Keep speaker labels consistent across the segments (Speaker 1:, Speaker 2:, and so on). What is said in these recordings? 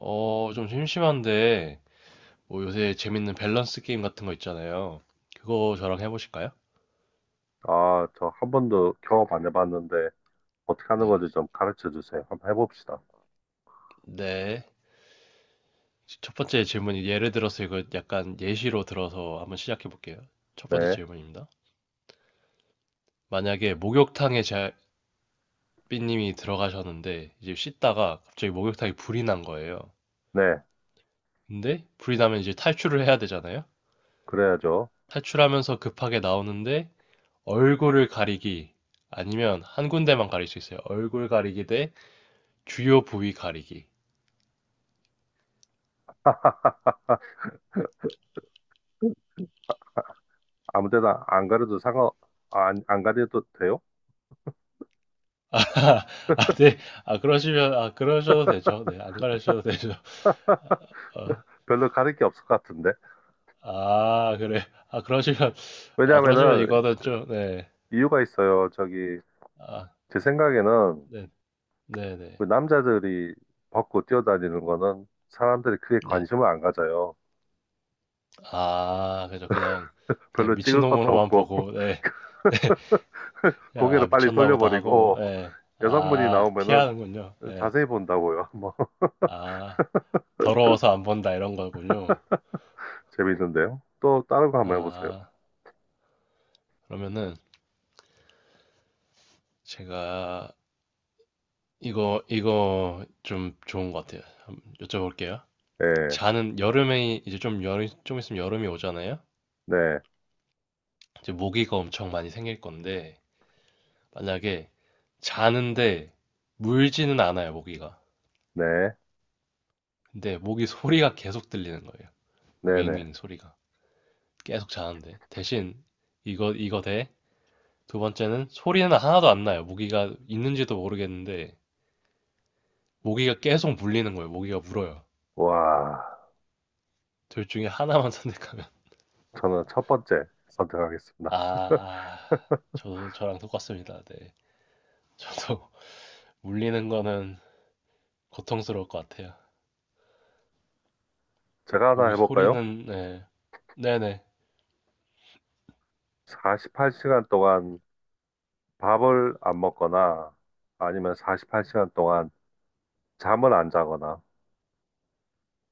Speaker 1: 좀 심심한데, 뭐 요새 재밌는 밸런스 게임 같은 거 있잖아요. 그거 저랑 해보실까요?
Speaker 2: 아, 저 한 번도 경험 안 해봤는데 어떻게 하는
Speaker 1: 네.
Speaker 2: 건지 좀 가르쳐 주세요. 한번 해봅시다.
Speaker 1: 네. 첫 번째 질문이 예를 들어서 이거 약간 예시로 들어서 한번 시작해 볼게요. 첫 번째
Speaker 2: 네,
Speaker 1: 질문입니다. 만약에 목욕탕에 자, 삐님이 들어가셨는데, 이제 씻다가 갑자기 목욕탕에 불이 난 거예요.
Speaker 2: 네,
Speaker 1: 근데 불이 나면 이제 탈출을 해야 되잖아요?
Speaker 2: 그래야죠.
Speaker 1: 탈출하면서 급하게 나오는데, 얼굴을 가리기, 아니면 한 군데만 가릴 수 있어요. 얼굴 가리기 대 주요 부위 가리기.
Speaker 2: 아무 데나 안 가려도 아, 안 가려도 돼요?
Speaker 1: 아, 네. 아, 그러시면, 아, 그러셔도 되죠. 네, 안 가르셔도 되죠. 어,
Speaker 2: 별로 가릴 게 없을 것 같은데.
Speaker 1: 아, 그래. 아, 그러시면, 아, 그러시면
Speaker 2: 왜냐하면은
Speaker 1: 이거는 좀, 네.
Speaker 2: 이유가 있어요. 저기,
Speaker 1: 아,
Speaker 2: 제 생각에는
Speaker 1: 네, 네,
Speaker 2: 그
Speaker 1: 네,
Speaker 2: 남자들이 벗고 뛰어다니는 거는 사람들이 크게
Speaker 1: 네.
Speaker 2: 관심을 안 가져요.
Speaker 1: 아, 그죠. 그냥
Speaker 2: 별로 찍을 것도
Speaker 1: 미친놈으로만
Speaker 2: 없고,
Speaker 1: 보고, 네. 그냥, 아,
Speaker 2: 고개를 빨리
Speaker 1: 미쳤나 보다 하고,
Speaker 2: 돌려버리고,
Speaker 1: 네.
Speaker 2: 여성분이
Speaker 1: 아,
Speaker 2: 나오면은
Speaker 1: 피하는군요. 네.
Speaker 2: 자세히 본다고요. 뭐.
Speaker 1: 아, 더러워서 안 본다, 이런 거군요.
Speaker 2: 재밌는데요? 또 다른 거 한번 해보세요.
Speaker 1: 아, 그러면은, 제가, 이거 좀 좋은 것 같아요. 한번 여쭤볼게요.
Speaker 2: 예,
Speaker 1: 자는 여름에, 이제 좀 여름, 좀 있으면 여름이 오잖아요?
Speaker 2: 네,
Speaker 1: 이제 모기가 엄청 많이 생길 건데, 만약에 자는데 물지는 않아요, 모기가.
Speaker 2: 네,
Speaker 1: 근데 모기 소리가 계속 들리는 거예요.
Speaker 2: 네, 네.
Speaker 1: 윙윙 소리가. 계속 자는데. 대신 이거, 이거 대. 두 번째는 소리는 하나도 안 나요. 모기가 있는지도 모르겠는데, 모기가 계속 물리는 거예요. 모기가 물어요.
Speaker 2: 와,
Speaker 1: 둘 중에 하나만 선택하면.
Speaker 2: 저는 첫 번째 선택하겠습니다.
Speaker 1: 아, 저랑 똑같습니다. 네. 저도 물리는 거는 고통스러울 것 같아요.
Speaker 2: 제가 하나
Speaker 1: 오기
Speaker 2: 해볼까요?
Speaker 1: 소리는, 네. 네네.
Speaker 2: 48시간 동안 밥을 안 먹거나 아니면 48시간 동안 잠을 안 자거나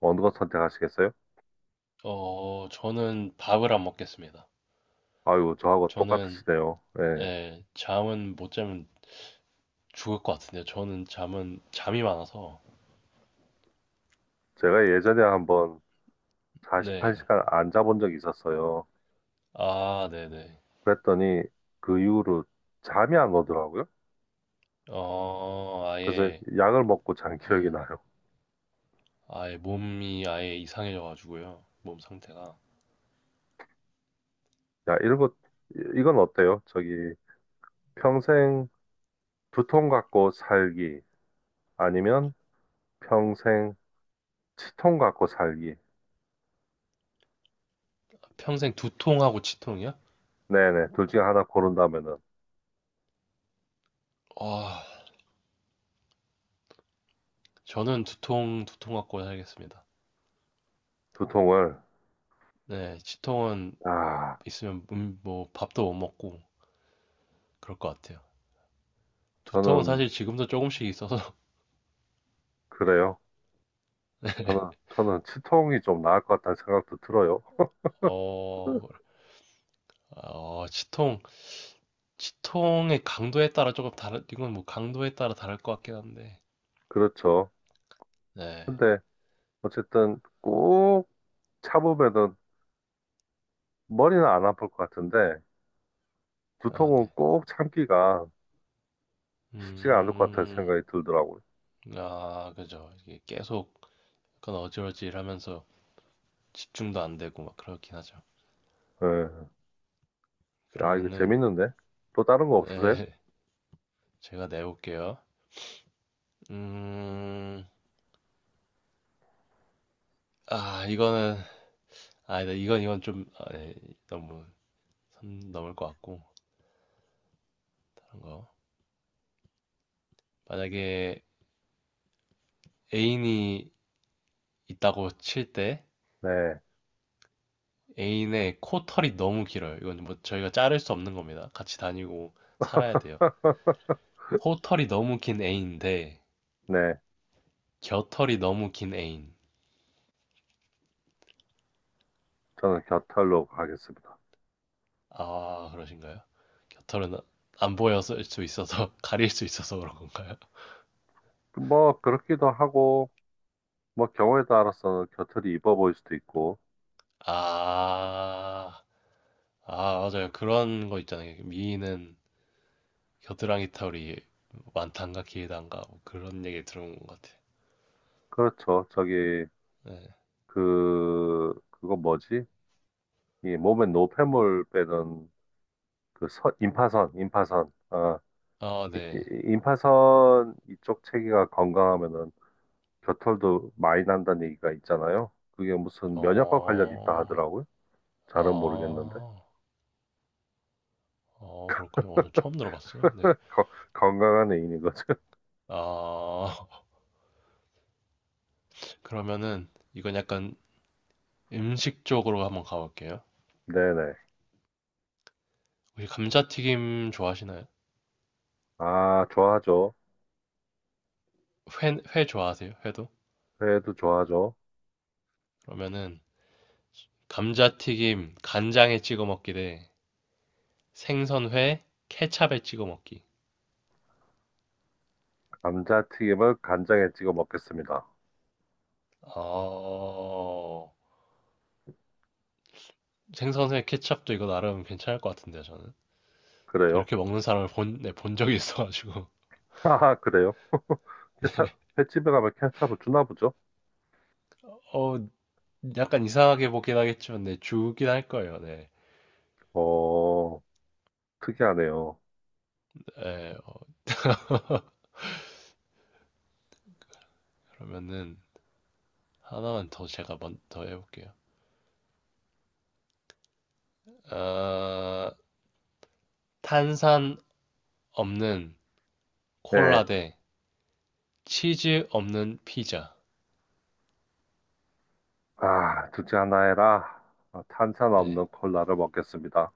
Speaker 2: 어느 것 선택하시겠어요?
Speaker 1: 저는 밥을 안 먹겠습니다.
Speaker 2: 아유, 저하고
Speaker 1: 저는,
Speaker 2: 똑같으시네요. 예.
Speaker 1: 네, 잠은 못 자면 죽을 것 같은데요. 저는 잠은, 잠이 많아서,
Speaker 2: 제가 예전에 한번
Speaker 1: 네.
Speaker 2: 48시간 안 자본 적이 있었어요.
Speaker 1: 아, 네네.
Speaker 2: 그랬더니 그 이후로 잠이 안 오더라고요.
Speaker 1: 어,
Speaker 2: 그래서
Speaker 1: 아예,
Speaker 2: 약을 먹고 잔
Speaker 1: 예,
Speaker 2: 기억이 나요.
Speaker 1: 아예 몸이 아예 이상해져가지고요. 몸 상태가.
Speaker 2: 야, 이것 이건 어때요? 저기, 평생 두통 갖고 살기, 아니면 평생 치통 갖고 살기.
Speaker 1: 평생 두통하고 치통이요?
Speaker 2: 네네, 둘 중에 하나 고른다면은,
Speaker 1: 아, 저는 두통 갖고 살겠습니다.
Speaker 2: 두통을,
Speaker 1: 네, 치통은
Speaker 2: 아,
Speaker 1: 있으면 뭐 밥도 못 먹고 그럴 것 같아요. 두통은
Speaker 2: 저는,
Speaker 1: 사실 지금도 조금씩 있어서
Speaker 2: 그래요. 저는, 저는 치통이 좀 나을 것 같다는 생각도 들어요.
Speaker 1: 어, 어 치통 치통의 강도에 따라 조금 다른 이건 뭐 강도에 따라 다를 것 같긴 한데
Speaker 2: 그렇죠.
Speaker 1: 네,
Speaker 2: 근데, 어쨌든, 꼭 참으면은, 머리는 안 아플 것 같은데,
Speaker 1: 아
Speaker 2: 두통은
Speaker 1: 네,
Speaker 2: 꼭 참기가 쉽지가 않을 것 같다는
Speaker 1: 음,
Speaker 2: 생각이 들더라고요.
Speaker 1: 아 그죠 이게 계속 약간 어질어질하면서 집중도 안 되고 막 그렇긴 하죠.
Speaker 2: 예. 아, 이거
Speaker 1: 그러면은
Speaker 2: 재밌는데? 또 다른 거 없으세요?
Speaker 1: 네, 제가 내볼게요. 음, 아 이거는 아, 네, 이건 좀 아, 네, 너무 선 넘을 것 같고 다른 거. 만약에 애인이 있다고 칠 때
Speaker 2: 네.
Speaker 1: 애인의 코털이 너무 길어요. 이건 뭐 저희가 자를 수 없는 겁니다. 같이 다니고 살아야 돼요. 코털이 너무 긴 애인데
Speaker 2: 네.
Speaker 1: 겨털이 너무 긴 애인.
Speaker 2: 저는 겨털로 가겠습니다.
Speaker 1: 아, 그러신가요? 겨털은 안 보였을 수 있어서 가릴 수 있어서 그런 건가요?
Speaker 2: 뭐, 그렇기도 하고, 뭐, 경우에 따라서는 겨털이 이뻐 보일 수도 있고,
Speaker 1: 아, 아, 맞아요. 그런 거 있잖아요. 미인은 겨드랑이 털이 많단가 길단가 뭐 그런 얘기 들은 것 같아.
Speaker 2: 그렇죠. 저기,
Speaker 1: 네.
Speaker 2: 그거 뭐지? 이 몸에 노폐물 빼는 그 선, 임파선, 임파선. 어,
Speaker 1: 아, 네.
Speaker 2: 임파선 이쪽 체계가 건강하면은 겨털도 많이 난다는 얘기가 있잖아요. 그게 무슨 면역과 관련이 있다
Speaker 1: 어,
Speaker 2: 하더라고요. 잘은 모르겠는데.
Speaker 1: 아, 그렇군요. 오늘 처음 들어봤어요. 네.
Speaker 2: 거- 건강한 애인인 거죠.
Speaker 1: 아, 그러면은 이건 약간 음식 쪽으로 한번 가볼게요.
Speaker 2: 네네.
Speaker 1: 혹시 감자튀김 좋아하시나요?
Speaker 2: 아, 좋아하죠.
Speaker 1: 회 좋아하세요? 회도?
Speaker 2: 회도 좋아하죠.
Speaker 1: 그러면은 감자튀김 간장에 찍어 먹기 대 생선회 케찹에 찍어 먹기.
Speaker 2: 감자튀김을 간장에 찍어 먹겠습니다.
Speaker 1: 어, 생선회 케첩도 이거 나름 괜찮을 것 같은데요, 저는. 저
Speaker 2: 그래요?
Speaker 1: 이렇게 먹는 사람을 본, 네, 본 적이 있어가지고.
Speaker 2: 아, 그래요? 케찹, 횟집에 가면 케찹을 주나 보죠?
Speaker 1: 어, 약간 이상하게 보긴 하겠지만, 네, 주긴 할 거예요, 네.
Speaker 2: 어, 특이하네요.
Speaker 1: 네, 그러면은, 하나만 더 제가 먼, 더 해볼게요. 아, 탄산 없는 콜라
Speaker 2: 네.
Speaker 1: 대 치즈 없는 피자.
Speaker 2: 아, 둘째 하나 해라. 아, 탄산
Speaker 1: 네.
Speaker 2: 없는 콜라를 먹겠습니다.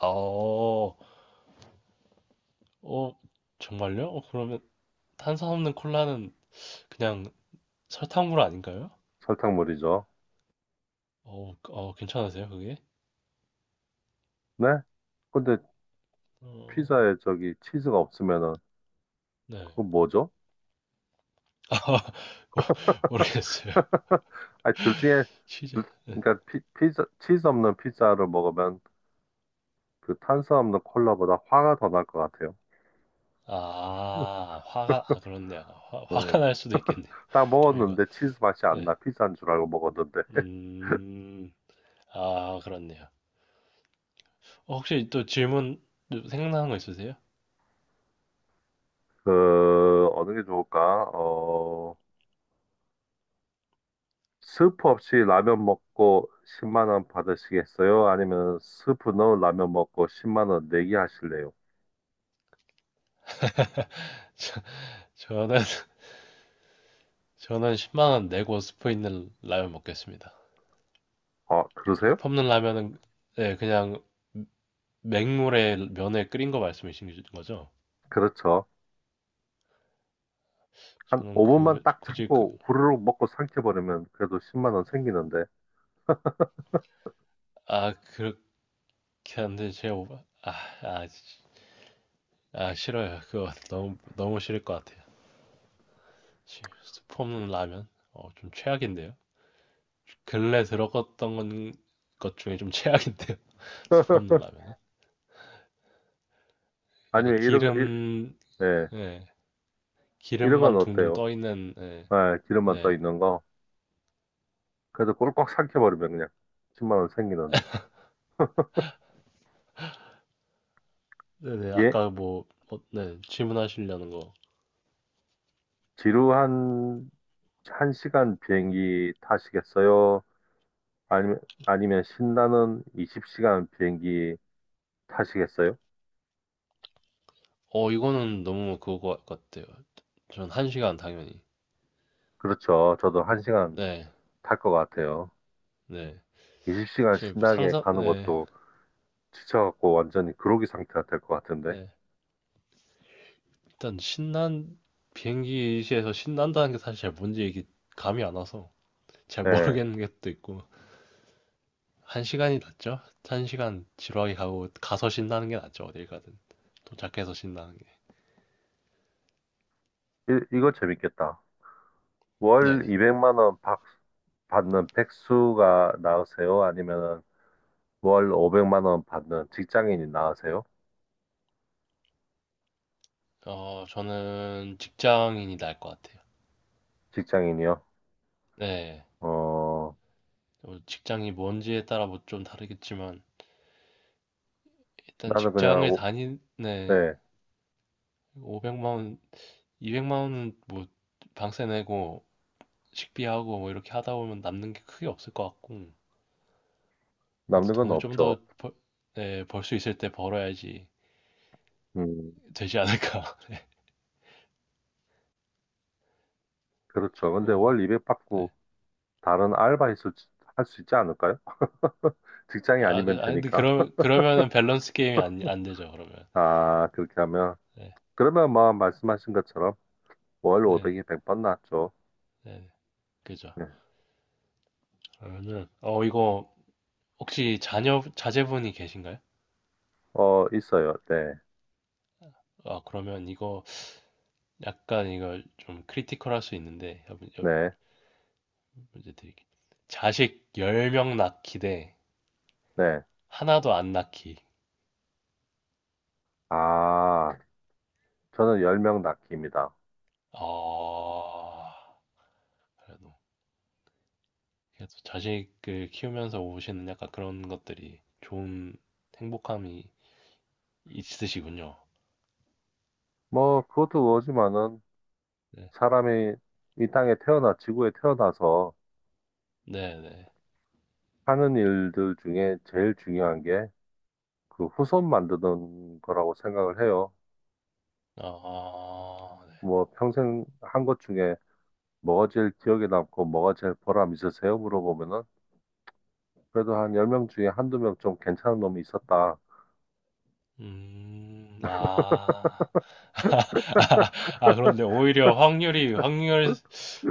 Speaker 1: 어, 어, 정말요? 어, 그러면 탄산 없는 콜라는 그냥 설탕물 아닌가요?
Speaker 2: 설탕물이죠.
Speaker 1: 괜찮으세요, 그게?
Speaker 2: 네? 근데
Speaker 1: 어,
Speaker 2: 피자에 저기 치즈가 없으면은
Speaker 1: 네.
Speaker 2: 그거 뭐죠?
Speaker 1: 아, 모르겠어요.
Speaker 2: 아니, 둘 중에,
Speaker 1: 시작. 네.
Speaker 2: 그러니까 피자, 치즈 없는 피자를 먹으면 그 탄수화물 콜라보다 화가 더 날 것 같아요.
Speaker 1: 아, 화가, 아, 그렇네요. 화가
Speaker 2: 음.
Speaker 1: 날 수도 있겠네요.
Speaker 2: 딱
Speaker 1: 저희가,
Speaker 2: 먹었는데 치즈 맛이 안
Speaker 1: 네.
Speaker 2: 나. 피자인 줄 알고 먹었는데.
Speaker 1: 음, 아, 그렇네요. 혹시 또 질문 생각나는 거 있으세요?
Speaker 2: 어느 게 좋을까? 어, 스프 없이 라면 먹고 10만 원 받으시겠어요? 아니면 스프 넣은 라면 먹고 10만 원 내기 하실래요?
Speaker 1: 저는, 저는 10만 원 내고 스프 있는 라면 먹겠습니다.
Speaker 2: 아 그러세요?
Speaker 1: 스프 없는 라면은, 네, 그냥 맹물에 면에 끓인 거 말씀이신 거죠?
Speaker 2: 그렇죠. 한
Speaker 1: 저는
Speaker 2: 5분만
Speaker 1: 그,
Speaker 2: 딱
Speaker 1: 굳이 그,
Speaker 2: 참고 후루룩 먹고 삼켜버리면 그래도 10만 원 생기는데.
Speaker 1: 아, 그렇게 안 돼. 제가, 아, 아, 싫어요. 그거 너무, 너무 싫을 것 같아요. 치, 스프 없는 라면? 좀 최악인데요. 근래 들어갔던 것 중에 좀 최악인데요. 스프 없는 라면은. 약간
Speaker 2: 아니면
Speaker 1: 기름,
Speaker 2: 예,
Speaker 1: 예,
Speaker 2: 이런 건
Speaker 1: 기름만 둥둥
Speaker 2: 어때요?
Speaker 1: 떠 있는, 예,
Speaker 2: 아, 기름만 떠
Speaker 1: 네.
Speaker 2: 있는 거. 그래서 꼴깍 삭혀버리면 그냥 10만 원 생기는데.
Speaker 1: 네네,
Speaker 2: 예?
Speaker 1: 아까 뭐, 뭐, 네, 질문하시려는 거.
Speaker 2: 지루한 한시간 비행기 타시겠어요? 아니면, 아니면, 신나는 20시간 비행기 타시겠어요?
Speaker 1: 이거는 너무 그거 같아요. 전 한시간 당연히.
Speaker 2: 그렇죠. 저도 한시간
Speaker 1: 네,
Speaker 2: 탈 것 같아요.
Speaker 1: 네.
Speaker 2: 20시간
Speaker 1: 사실
Speaker 2: 신나게
Speaker 1: 상상,
Speaker 2: 가는
Speaker 1: 네,
Speaker 2: 것도 지쳐갖고 완전히 그로기 상태가 될 것 같은데.
Speaker 1: 네. 일단 비행기에서 신난다는 게 사실 잘 뭔지 이게 감이 안 와서 잘
Speaker 2: 예.
Speaker 1: 모르겠는 것도 있고. 한 시간이 낫죠? 한 시간 지루하게 가고 가서 신나는 게 낫죠. 어딜 가든 도착해서 신나는 게.
Speaker 2: 이거 재밌겠다. 월
Speaker 1: 네네.
Speaker 2: 200만 원 받는 백수가 나으세요? 아니면 월 500만 원 받는 직장인이 나으세요?
Speaker 1: 저는 직장인이 나을 것 같아요.
Speaker 2: 직장인이요?
Speaker 1: 네.
Speaker 2: 어,
Speaker 1: 직장이 뭔지에 따라 뭐 좀 다르겠지만 일단
Speaker 2: 나는 그냥,
Speaker 1: 직장을 다니 네.
Speaker 2: 네,
Speaker 1: 500만 원, 200만 원은 뭐 방세 내고 식비하고 뭐 이렇게 하다 보면 남는 게 크게 없을 것 같고 그래도
Speaker 2: 남는 건
Speaker 1: 돈을 좀
Speaker 2: 없죠.
Speaker 1: 더 벌, 네, 벌 수 있을 때 벌어야지
Speaker 2: 음,
Speaker 1: 되지 않을까.
Speaker 2: 그렇죠. 근데
Speaker 1: 고
Speaker 2: 월 200 받고
Speaker 1: 네.
Speaker 2: 다른 알바 할 수 있지 않을까요? 직장이
Speaker 1: 아, 그,
Speaker 2: 아니면
Speaker 1: 아, 근데
Speaker 2: 되니까.
Speaker 1: 그러면은 밸런스 게임이 안, 안 되죠, 그러면.
Speaker 2: 아, 그렇게 하면.
Speaker 1: 네,
Speaker 2: 그러면 뭐, 말씀하신 것처럼 월
Speaker 1: 네,
Speaker 2: 500이 100번 낫죠.
Speaker 1: 네, 그죠.
Speaker 2: 네.
Speaker 1: 그러면은, 이거, 혹시 자제분이 계신가요?
Speaker 2: 어, 있어요. 네,
Speaker 1: 아, 그러면 이거, 약간 이거 좀 크리티컬 할 수 있는데, 한번 여-
Speaker 2: 네,
Speaker 1: 문제 드릴게요. 자식 10명 낳기 대
Speaker 2: 네.
Speaker 1: 하나도 안 낳기.
Speaker 2: 아, 저는 10명 낳기입니다.
Speaker 1: 어, 그래도, 그래도 자식을 키우면서 오시는 약간 그런 것들이 좋은 행복함이 있으시군요.
Speaker 2: 뭐, 그것도 그거지만은
Speaker 1: 네,
Speaker 2: 사람이 이 땅에 태어나, 지구에 태어나서
Speaker 1: 네, 네.
Speaker 2: 하는 일들 중에 제일 중요한 게 그 후손 만드는 거라고 생각을 해요.
Speaker 1: 아,
Speaker 2: 뭐 평생 한 것 중에 뭐가 제일 기억에 남고 뭐가 제일 보람 있으세요? 물어보면은 그래도 한 10명 중에 한두 명 좀 괜찮은 놈이 있었다.
Speaker 1: 네. 아. 아, 그런데 오히려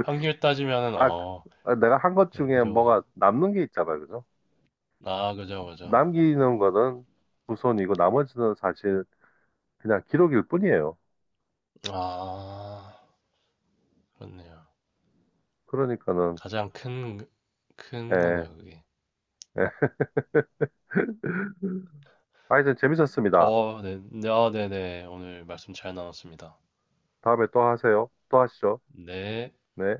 Speaker 1: 확률 따지면은,
Speaker 2: 아,
Speaker 1: 어,
Speaker 2: 아, 내가 한 것
Speaker 1: 네,
Speaker 2: 중에
Speaker 1: 그죠, 그죠.
Speaker 2: 뭐가 남는 게 있잖아요. 그죠?
Speaker 1: 아, 그죠, 그죠.
Speaker 2: 남기는 거는 후손이고 나머지는 사실 그냥 기록일 뿐이에요.
Speaker 1: 아, 그렇네요.
Speaker 2: 그러니까는
Speaker 1: 가장 큰
Speaker 2: 예,
Speaker 1: 거네요, 그게.
Speaker 2: 예. 하여튼 재밌었습니다.
Speaker 1: 네, 네, 아, 네네. 오늘 말씀 잘 나눴습니다.
Speaker 2: 다음에 또 하세요. 또 하시죠.
Speaker 1: 네.
Speaker 2: 네.